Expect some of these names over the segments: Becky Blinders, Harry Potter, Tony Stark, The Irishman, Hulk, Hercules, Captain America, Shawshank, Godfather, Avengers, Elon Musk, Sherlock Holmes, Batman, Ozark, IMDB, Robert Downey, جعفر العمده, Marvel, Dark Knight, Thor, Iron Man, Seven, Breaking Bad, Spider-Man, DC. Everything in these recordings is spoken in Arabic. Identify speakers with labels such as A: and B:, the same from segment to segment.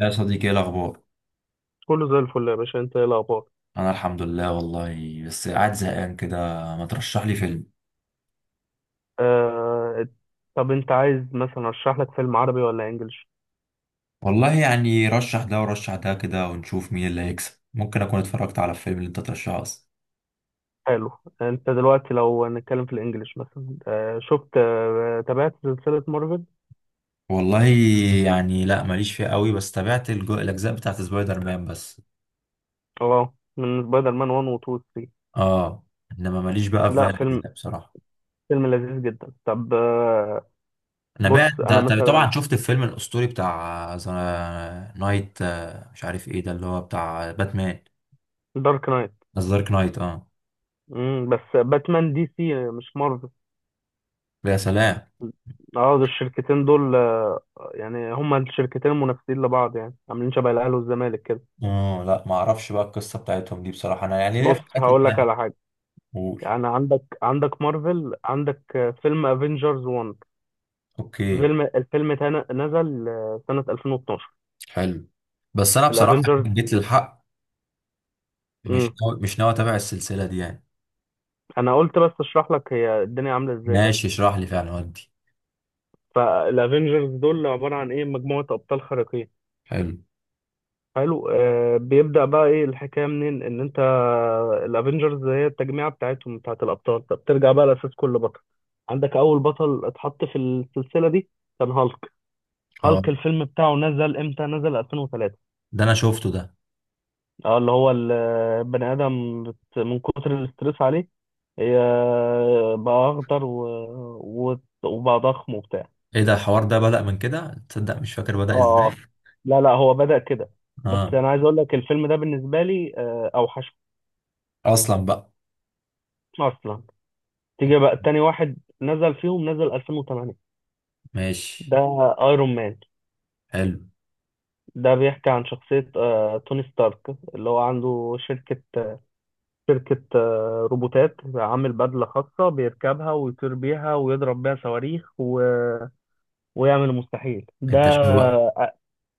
A: يا صديقي، ايه الاخبار؟
B: كله زي الفل يا باشا، انت ايه الاخبار؟
A: انا الحمد لله، والله بس قاعد زهقان كده. ما ترشح لي فيلم؟
B: آه... طب انت عايز مثلا ارشح لك فيلم عربي ولا انجليش؟
A: والله يعني رشح ده ورشح ده كده ونشوف مين اللي هيكسب. ممكن اكون اتفرجت على الفيلم اللي انت ترشحه اصلا.
B: حلو. انت دلوقتي لو هنتكلم في الانجليش مثلا شفت تابعت سلسلة مارفل؟
A: والله يعني لا، ماليش فيه قوي، بس تابعت الاجزاء بتاعت سبايدر مان بس.
B: اه، من سبايدر مان 1 و 2 و 3.
A: اه، انما ماليش بقى في
B: لا،
A: باقي
B: فيلم
A: الاجزاء بصراحه.
B: فيلم لذيذ جدا. طب
A: انا بقى
B: بص
A: ده
B: انا
A: ده
B: مثلا
A: طبعا شفت الفيلم الاسطوري بتاع ذا نايت، مش عارف ايه ده اللي هو بتاع باتمان.
B: دارك نايت.
A: ذا دارك نايت اه.
B: مم. بس باتمان دي سي مش مارفل.
A: يا سلام.
B: اه ده الشركتين دول يعني هما الشركتين المنافسين لبعض، يعني عاملين شبه الاهلي والزمالك كده.
A: اه، لا ما اعرفش بقى القصه بتاعتهم دي بصراحه، انا يعني ليه
B: بص
A: في الحاجات
B: هقول لك
A: التانية.
B: على حاجه،
A: قول.
B: يعني عندك مارفل، عندك فيلم افنجرز 1.
A: اوكي.
B: نزل سنة 2012،
A: حلو. بس انا بصراحه
B: الافنجرز.
A: جيت للحق. مش
B: امم
A: ناوي مش ناوي اتابع السلسله دي يعني.
B: انا قلت بس اشرح لك هي الدنيا عاملة ازاي.
A: ماشي اشرح لي فعلا ودي.
B: فالافنجرز دول عبارة عن ايه؟ مجموعة ابطال خارقين.
A: حلو.
B: حلو. آه بيبدأ بقى ايه الحكاية منين؟ ان انت الافنجرز هي التجميعة بتاعتهم، بتاعت الابطال. طب ترجع بقى لاساس كل بطل. عندك اول بطل اتحط في السلسلة دي كان هالك.
A: اه،
B: هالك الفيلم بتاعه نزل امتى؟ نزل 2003.
A: ده انا شفته ده.
B: اه، اللي هو البني ادم من كتر الاسترس عليه هي بقى اخضر و... و... وبقى ضخم وبتاع.
A: ايه ده الحوار ده بدأ من كده؟ تصدق مش فاكر بدأ ازاي.
B: اه اه، لا لا هو بدأ كده. بس
A: اه،
B: انا عايز اقول لك الفيلم ده بالنسبه لي اوحش
A: اصلا بقى.
B: اصلا.
A: أوك،
B: تيجي بقى تاني واحد نزل فيهم، نزل 2008،
A: ماشي.
B: ده ايرون مان.
A: حلو.
B: ده بيحكي عن شخصيه توني ستارك، اللي هو عنده شركه، شركة روبوتات، عامل بدلة خاصة بيركبها ويطير بيها ويضرب بيها صواريخ و... ويعمل المستحيل ده.
A: انت شوق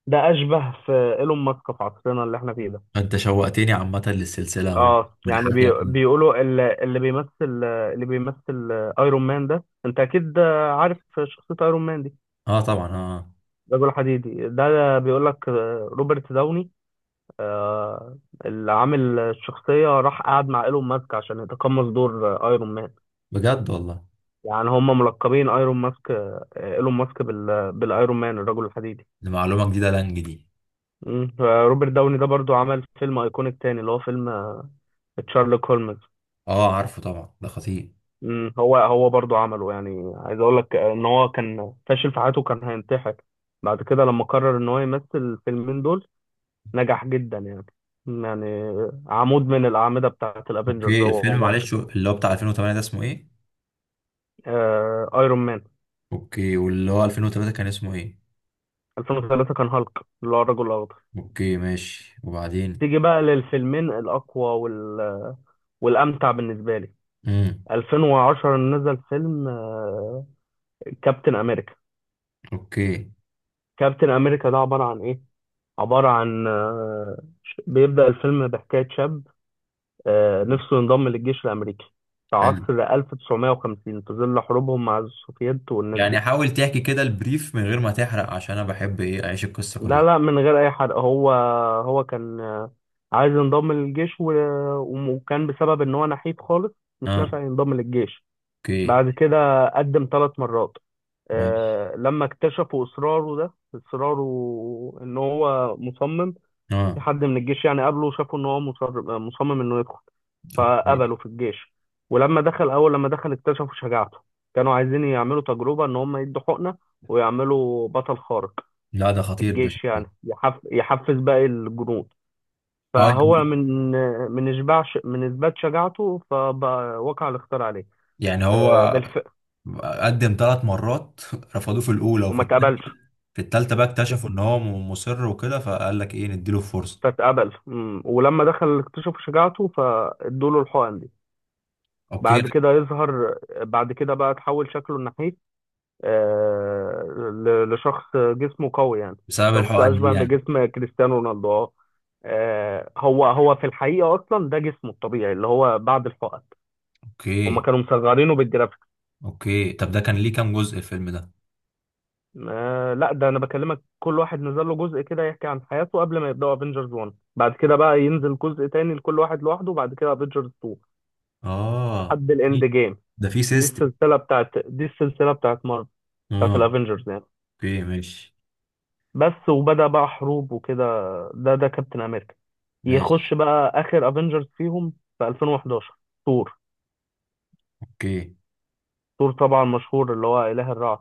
B: ده أشبه في إيلون ماسك في عصرنا اللي احنا فيه ده.
A: انت شوقتني عامه للسلسله اهو،
B: اه
A: من
B: يعني
A: حكيك.
B: بيقولوا اللي بيمثل ايرون مان ده انت اكيد عارف شخصية ايرون مان دي.
A: اه طبعا اه آه.
B: رجل حديدي، ده بيقول لك روبرت داوني آه، اللي عامل الشخصية راح قعد مع ايلون ماسك عشان يتقمص دور ايرون مان.
A: بجد والله؟
B: يعني هم ملقبين ايرون ماسك ايلون ماسك بالايرون مان، الرجل الحديدي.
A: دي معلومه جديده لانج دي.
B: مم. روبرت داوني ده برضو عمل فيلم ايكونيك تاني اللي هو فيلم تشارلوك هولمز.
A: اه عارفه طبعا، ده خطير.
B: مم. هو هو برضو عمله، يعني عايز اقول لك ان هو كان فاشل في حياته، كان هينتحر. بعد كده لما قرر ان هو يمثل الفيلمين دول نجح جدا يعني، يعني عمود من الاعمده بتاعه الافينجرز
A: اوكي
B: هو
A: الفيلم،
B: ومارفل.
A: معلش، اللي هو بتاع 2008 ده اسمه ايه؟
B: ايرون مان.
A: اوكي، واللي هو 2003 كان اسمه ايه؟
B: 2003 كان هالك، اللي هو الرجل الاخضر.
A: اوكي ماشي، وبعدين؟
B: تيجي بقى للفيلمين الأقوى والامتع بالنسبه لي.
A: امم.
B: 2010 نزل فيلم كابتن امريكا.
A: اوكي.
B: كابتن امريكا ده عباره عن ايه؟ عباره عن بيبدا الفيلم بحكايه شاب نفسه ينضم للجيش الامريكي في
A: حلو.
B: عصر 1950 في ظل حروبهم مع السوفييت والناس
A: يعني
B: دي.
A: حاول تحكي كده البريف من غير ما تحرق، عشان انا بحب ايه، اعيش القصة
B: لا
A: كلها.
B: لا، من غير اي حرق. هو هو كان عايز ينضم للجيش وكان بسبب ان هو نحيف خالص مش
A: اه.
B: نافع ينضم للجيش.
A: اوكي.
B: بعد كده قدم ثلاث مرات.
A: ماشي.
B: لما اكتشفوا اصراره، ده اصراره ان هو مصمم. في
A: اه.
B: حد من الجيش يعني قابله وشافوا ان هو مصمم انه يدخل،
A: اوكي.
B: فقبلوا في الجيش. ولما دخل، اول لما دخل اكتشفوا شجاعته. كانوا عايزين يعملوا تجربة ان هم يدوا حقنة ويعملوا بطل خارق
A: لا ده
B: في
A: خطير ده
B: الجيش
A: شكله.
B: يعني يحفز باقي الجنود.
A: اه
B: فهو
A: يعني.
B: من اثبات شجاعته فبقى وقع الاختيار عليه.
A: يعني هو
B: بالفعل.
A: قدم ثلاث مرات رفضوه في الاولى وفي
B: وما
A: الثانيه،
B: اتقبلش.
A: في الثالثه بقى اكتشفوا ان هو مصر وكده، فقال لك ايه، نديله فرصه.
B: فاتقبل. مم. ولما دخل اكتشف شجاعته فادوا له الحقن دي.
A: اوكي.
B: بعد كده يظهر، بعد كده بقى تحول شكله ناحيه آه... لشخص جسمه قوي يعني،
A: بسبب
B: شخص
A: الحقن دي
B: اشبه
A: يعني.
B: بجسم كريستيانو رونالدو. اه هو هو في الحقيقه اصلا ده جسمه الطبيعي اللي هو بعد الحقن. هما
A: اوكي.
B: كانوا مصغرينه بالجرافيك.
A: اوكي، طب ده كان ليه كام جزء الفيلم ده؟
B: آه لا، ده انا بكلمك كل واحد نزل له جزء كده يحكي عن حياته قبل ما يبداوا افنجرز 1، بعد كده بقى ينزل جزء تاني لكل واحد لوحده، وبعد كده افنجرز 2
A: اه
B: لحد الاند جيم.
A: ده في سيستم.
B: دي السلسلة بتاعت مارفل،
A: اه.
B: بتاعت الافينجرز يعني.
A: اوكي ماشي.
B: بس وبدأ بقى حروب وكده، ده ده كابتن امريكا.
A: ماشي.
B: يخش بقى اخر افنجرز فيهم في 2011، ثور.
A: اوكي.
B: ثور طبعا مشهور اللي هو اله الرعد.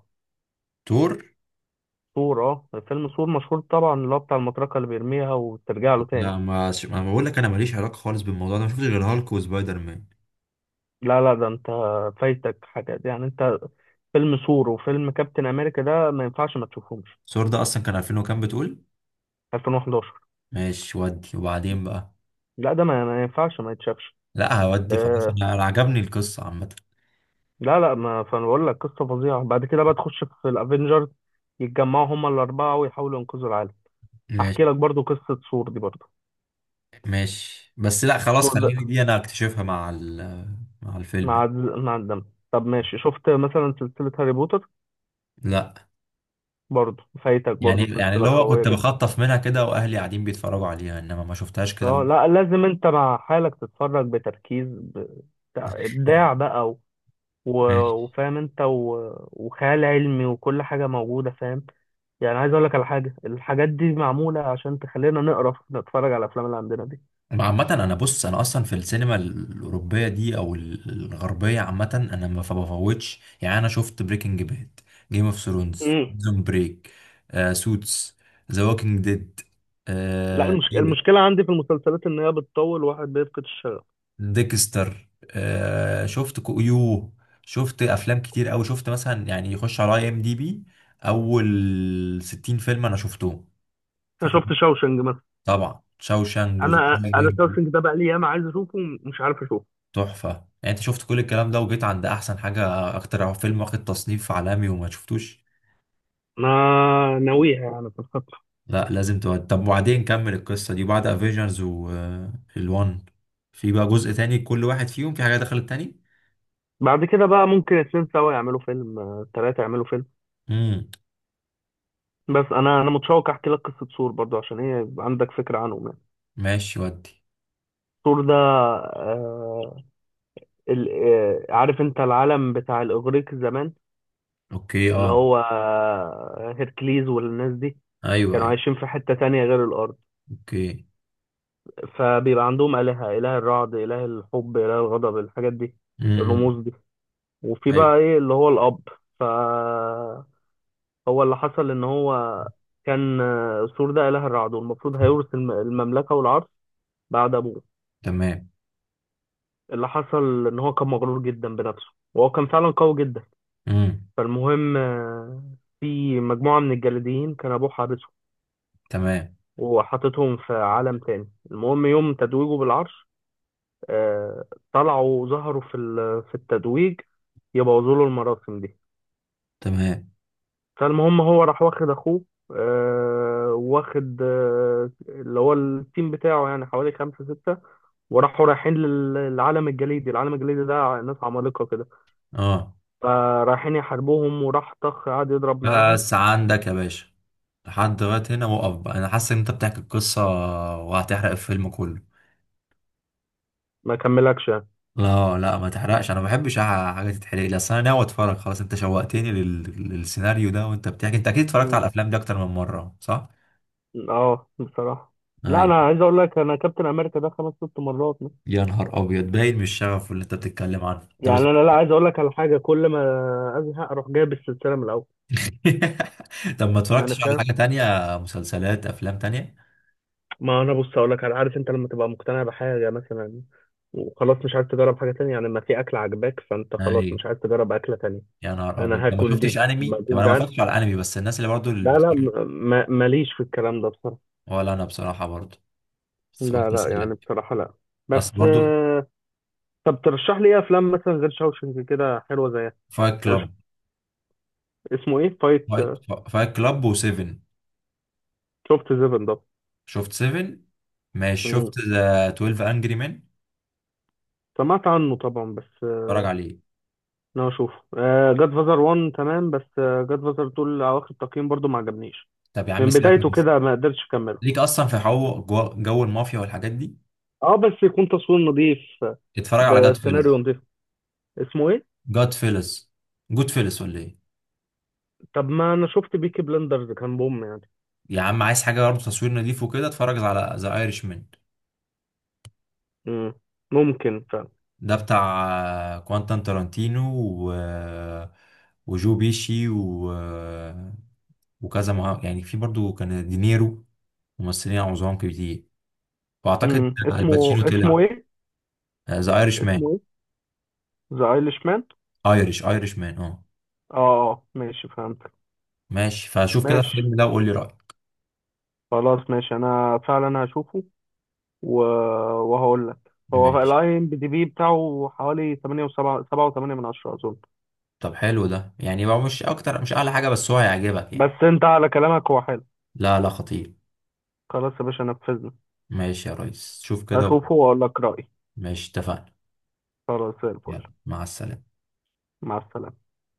A: تور.
B: ثور، اه، فيلم ثور مشهور طبعا اللي هو بتاع المطرقة اللي بيرميها وترجع له تاني.
A: لا ما بقول لك، انا ماليش علاقه خالص بالموضوع ده، ما شفتش غير هالك وسبايدر مان.
B: لا لا، ده انت فايتك حاجات يعني، انت فيلم ثور وفيلم كابتن امريكا ده ما ينفعش ما تشوفهمش.
A: ثور ده اصلا كان 2000 وكام بتقول؟
B: 2011.
A: ماشي ودي، وبعدين بقى.
B: لا ده ما ما ينفعش ما يتشافش.
A: لا هودي خلاص،
B: آه،
A: أنا عجبني القصه عامه.
B: لا لا ما، فانا بقول لك قصه فظيعه. بعد كده بقى تخش في الافنجرز، يتجمعوا هما الاربعه ويحاولوا ينقذوا العالم.
A: ماشي.
B: احكي لك برضو قصه سور دي برضو.
A: ماشي، بس لا خلاص،
B: سور ده
A: خليني دي انا اكتشفها مع الفيلم.
B: مع الدم. طب ماشي، شفت مثلا سلسله هاري بوتر؟
A: لا.
B: برضو فايتك،
A: يعني
B: برضو
A: يعني اللي
B: سلسله
A: هو
B: قويه
A: كنت
B: جدا.
A: بخطف منها كده واهلي قاعدين بيتفرجوا عليها، انما ما شفتهاش كده.
B: اه لا، لازم انت مع حالك تتفرج بتركيز ابداع بقى
A: ماشي.
B: وفاهم انت وخيال علمي وكل حاجه موجوده، فاهم؟ يعني عايز اقول لك على حاجه، الحاجات دي معموله عشان تخلينا نقرا نتفرج على الافلام اللي عندنا دي.
A: عامة أنا، بص، أنا أصلا في السينما الأوروبية دي أو الغربية عامة أنا ما بفوتش، يعني أنا شفت بريكنج باد، جيم اوف ثرونز،
B: امم
A: بريزون بريك، سوتس، ذا ووكينج ديد،
B: لا
A: آه
B: المشكله عندي في المسلسلات ان هي بتطول، واحد بيفقد الشغف.
A: ديكستر، شفت يو. شفت أفلام كتير أوي، شفت مثلا يعني يخش على أي إم دي بي، أول 60 فيلم أنا شفتهم.
B: انا شفت شاوشنج مثلا.
A: طبعا شاوشانج وذا
B: انا
A: شاينينج.
B: شاوشنج ده بقى لي ياما عايز اشوفه ومش عارف اشوفه.
A: تحفه، يعني انت شفت كل الكلام ده وجيت عند احسن حاجه؟ اكتر فيلم واخد تصنيف عالمي وما شفتوش؟
B: انا ناويها يعني بس.
A: لا لازم تود. طب وبعدين كمل القصه دي بعد افيجنز والوان، في بقى جزء تاني كل واحد فيهم في حاجه دخلت تاني.
B: بعد كده بقى ممكن اتنين سوا يعملوا فيلم تلاته يعملوا فيلم.
A: امم.
B: بس انا متشوق احكي لك قصه سور برضو، عشان ايه؟ يبقى عندك فكره عنه يعني.
A: ماشي ودي.
B: سور ده عارف انت العالم بتاع الاغريق زمان،
A: اوكي.
B: اللي
A: اه.
B: هو هيركليز والناس دي،
A: ايوه
B: كانوا
A: ايوه.
B: عايشين في حته تانية غير الارض.
A: اوكي.
B: فبيبقى عندهم آلهة، إله الرعد، إله الحب، إله الغضب، الحاجات دي،
A: امم.
B: الرموز دي. وفي
A: ايوه.
B: بقى إيه اللي هو الأب. فهو، اللي حصل إن هو كان سور ده إله الرعد والمفروض هيورث المملكة والعرش بعد أبوه.
A: تمام.
B: اللي حصل إن هو كان مغرور جدا بنفسه، وهو كان فعلا قوي جدا.
A: امم.
B: فالمهم في مجموعة من الجليديين كان أبوه حابسهم
A: تمام.
B: وحاططهم في عالم تاني. المهم يوم تتويجه بالعرش آه، طلعوا وظهروا في في التتويج يبوظوا له المراسم دي.
A: تمام.
B: فالمهم هو راح واخد اخوه واخد اللي هو التيم بتاعه يعني حوالي خمسة ستة، وراحوا رايحين للعالم الجليدي. العالم الجليدي ده ناس عمالقة كده،
A: اه
B: فرايحين يحاربوهم، وراح طخ قعد يضرب معاهم.
A: بس عندك يا باشا، لحد دلوقتي هنا وقف بقى، انا حاسس ان انت بتحكي القصه وهتحرق الفيلم كله.
B: ما كملكش يعني.
A: لا لا ما تحرقش، انا ما بحبش حاجه تتحرق لي، اصل انا ناوي اتفرج خلاص، انت شوقتني للسيناريو ده. وانت بتحكي انت اكيد اتفرجت على
B: م-
A: الافلام دي اكتر من مره، صح؟
B: اه بصراحة. لا انا
A: ايوه.
B: عايز اقول لك، انا كابتن امريكا ده خمس ست مرات.
A: يا نهار ابيض، باين من الشغف اللي انت بتتكلم عنه. طب
B: يعني انا، لا عايز اقول لك على حاجة، كل ما ازهق اروح جايب السلسلة من الاول
A: طب ما
B: يعني،
A: اتفرجتش على
B: فاهم؟
A: حاجه تانية؟ مسلسلات، افلام تانية؟
B: ما انا بص اقول لك عارف انت لما تبقى مقتنع بحاجه مثلا وخلاص مش عايز تجرب حاجه تانية؟ يعني لما في اكل عجباك فانت خلاص
A: ايوه.
B: مش عايز تجرب اكله تانية.
A: يا نهار
B: انا
A: ابيض. طب ما
B: هاكل
A: شفتش
B: دي لما
A: انمي؟ طب
B: اكون
A: انا ما
B: جعان.
A: اتفرجتش على انمي، بس الناس اللي برضو اللي
B: لا لا
A: بتقول.
B: ماليش في الكلام ده بصراحه.
A: ولا انا بصراحه برضو، بس
B: لا
A: قلت
B: لا يعني،
A: اسالك.
B: بصراحه لا. بس
A: اصل برضو.
B: طب ترشح لي ايه افلام مثلا غير شاوشنج كده حلوه زيها؟
A: فايت
B: يعني
A: كلاب.
B: اسمه ايه فايت؟
A: فايت فايت كلاب، وسيفن.
B: شفت سيفن ده؟
A: شفت سيفن. ماشي،
B: مم.
A: شفت ذا 12 انجري مان؟
B: سمعت عنه طبعا بس
A: اتفرج عليه.
B: انا اشوفه. جاد فازر 1 تمام، بس جاد فازر 2 اواخر التقييم برضو ما عجبنيش،
A: طب يا عم
B: من
A: سيبك
B: بدايته
A: من.
B: كده ما قدرتش اكمله.
A: ليك اصلا في جو المافيا والحاجات دي.
B: اه بس يكون تصوير نظيف
A: اتفرج على جاد
B: بسيناريو
A: فيلز.
B: نظيف. اسمه ايه؟
A: جاد فيلز، جود فيلز، ولا ايه؟
B: طب ما انا شفت بيكي بلندرز كان بوم يعني.
A: يا عم عايز حاجه برضه تصوير نضيف وكده، اتفرج على ذا ايرش مان.
B: مم. ممكن فعلا.
A: ده بتاع كوانتان تارانتينو، و... وجو بيشي، وكذا يعني في برضه كان دينيرو، ممثلين عظام كتير، واعتقد
B: مم. اسمه
A: الباتشينو
B: اسمه
A: طلع.
B: ايه؟
A: ذا ايرش مان.
B: اسمه ايه، ذا ايليش مان؟
A: ايرش مان، اه.
B: اه ماشي فهمت.
A: ماشي، فشوف كده
B: ماشي
A: الفيلم ده وقول لي رايك.
B: خلاص، ماشي انا فعلا هشوفه و... وهقول لك. هو
A: ماشي.
B: الاي ام بي دي بي بتاعه حوالي 8 و7 7 و8 من 10 اظن.
A: طب حلو ده؟ يعني هو مش اكتر، مش اعلى حاجه، بس هو هيعجبك
B: بس
A: يعني.
B: انت على كلامك هو حلو.
A: لا لا، خطير.
B: خلاص يا باشا نفذنا.
A: ماشي يا ريس، شوف كده وقول.
B: اشوفه واقول لك رايي.
A: ماشي اتفقنا.
B: خلاص زي الفل.
A: يلا مع السلامه.
B: مع السلامة.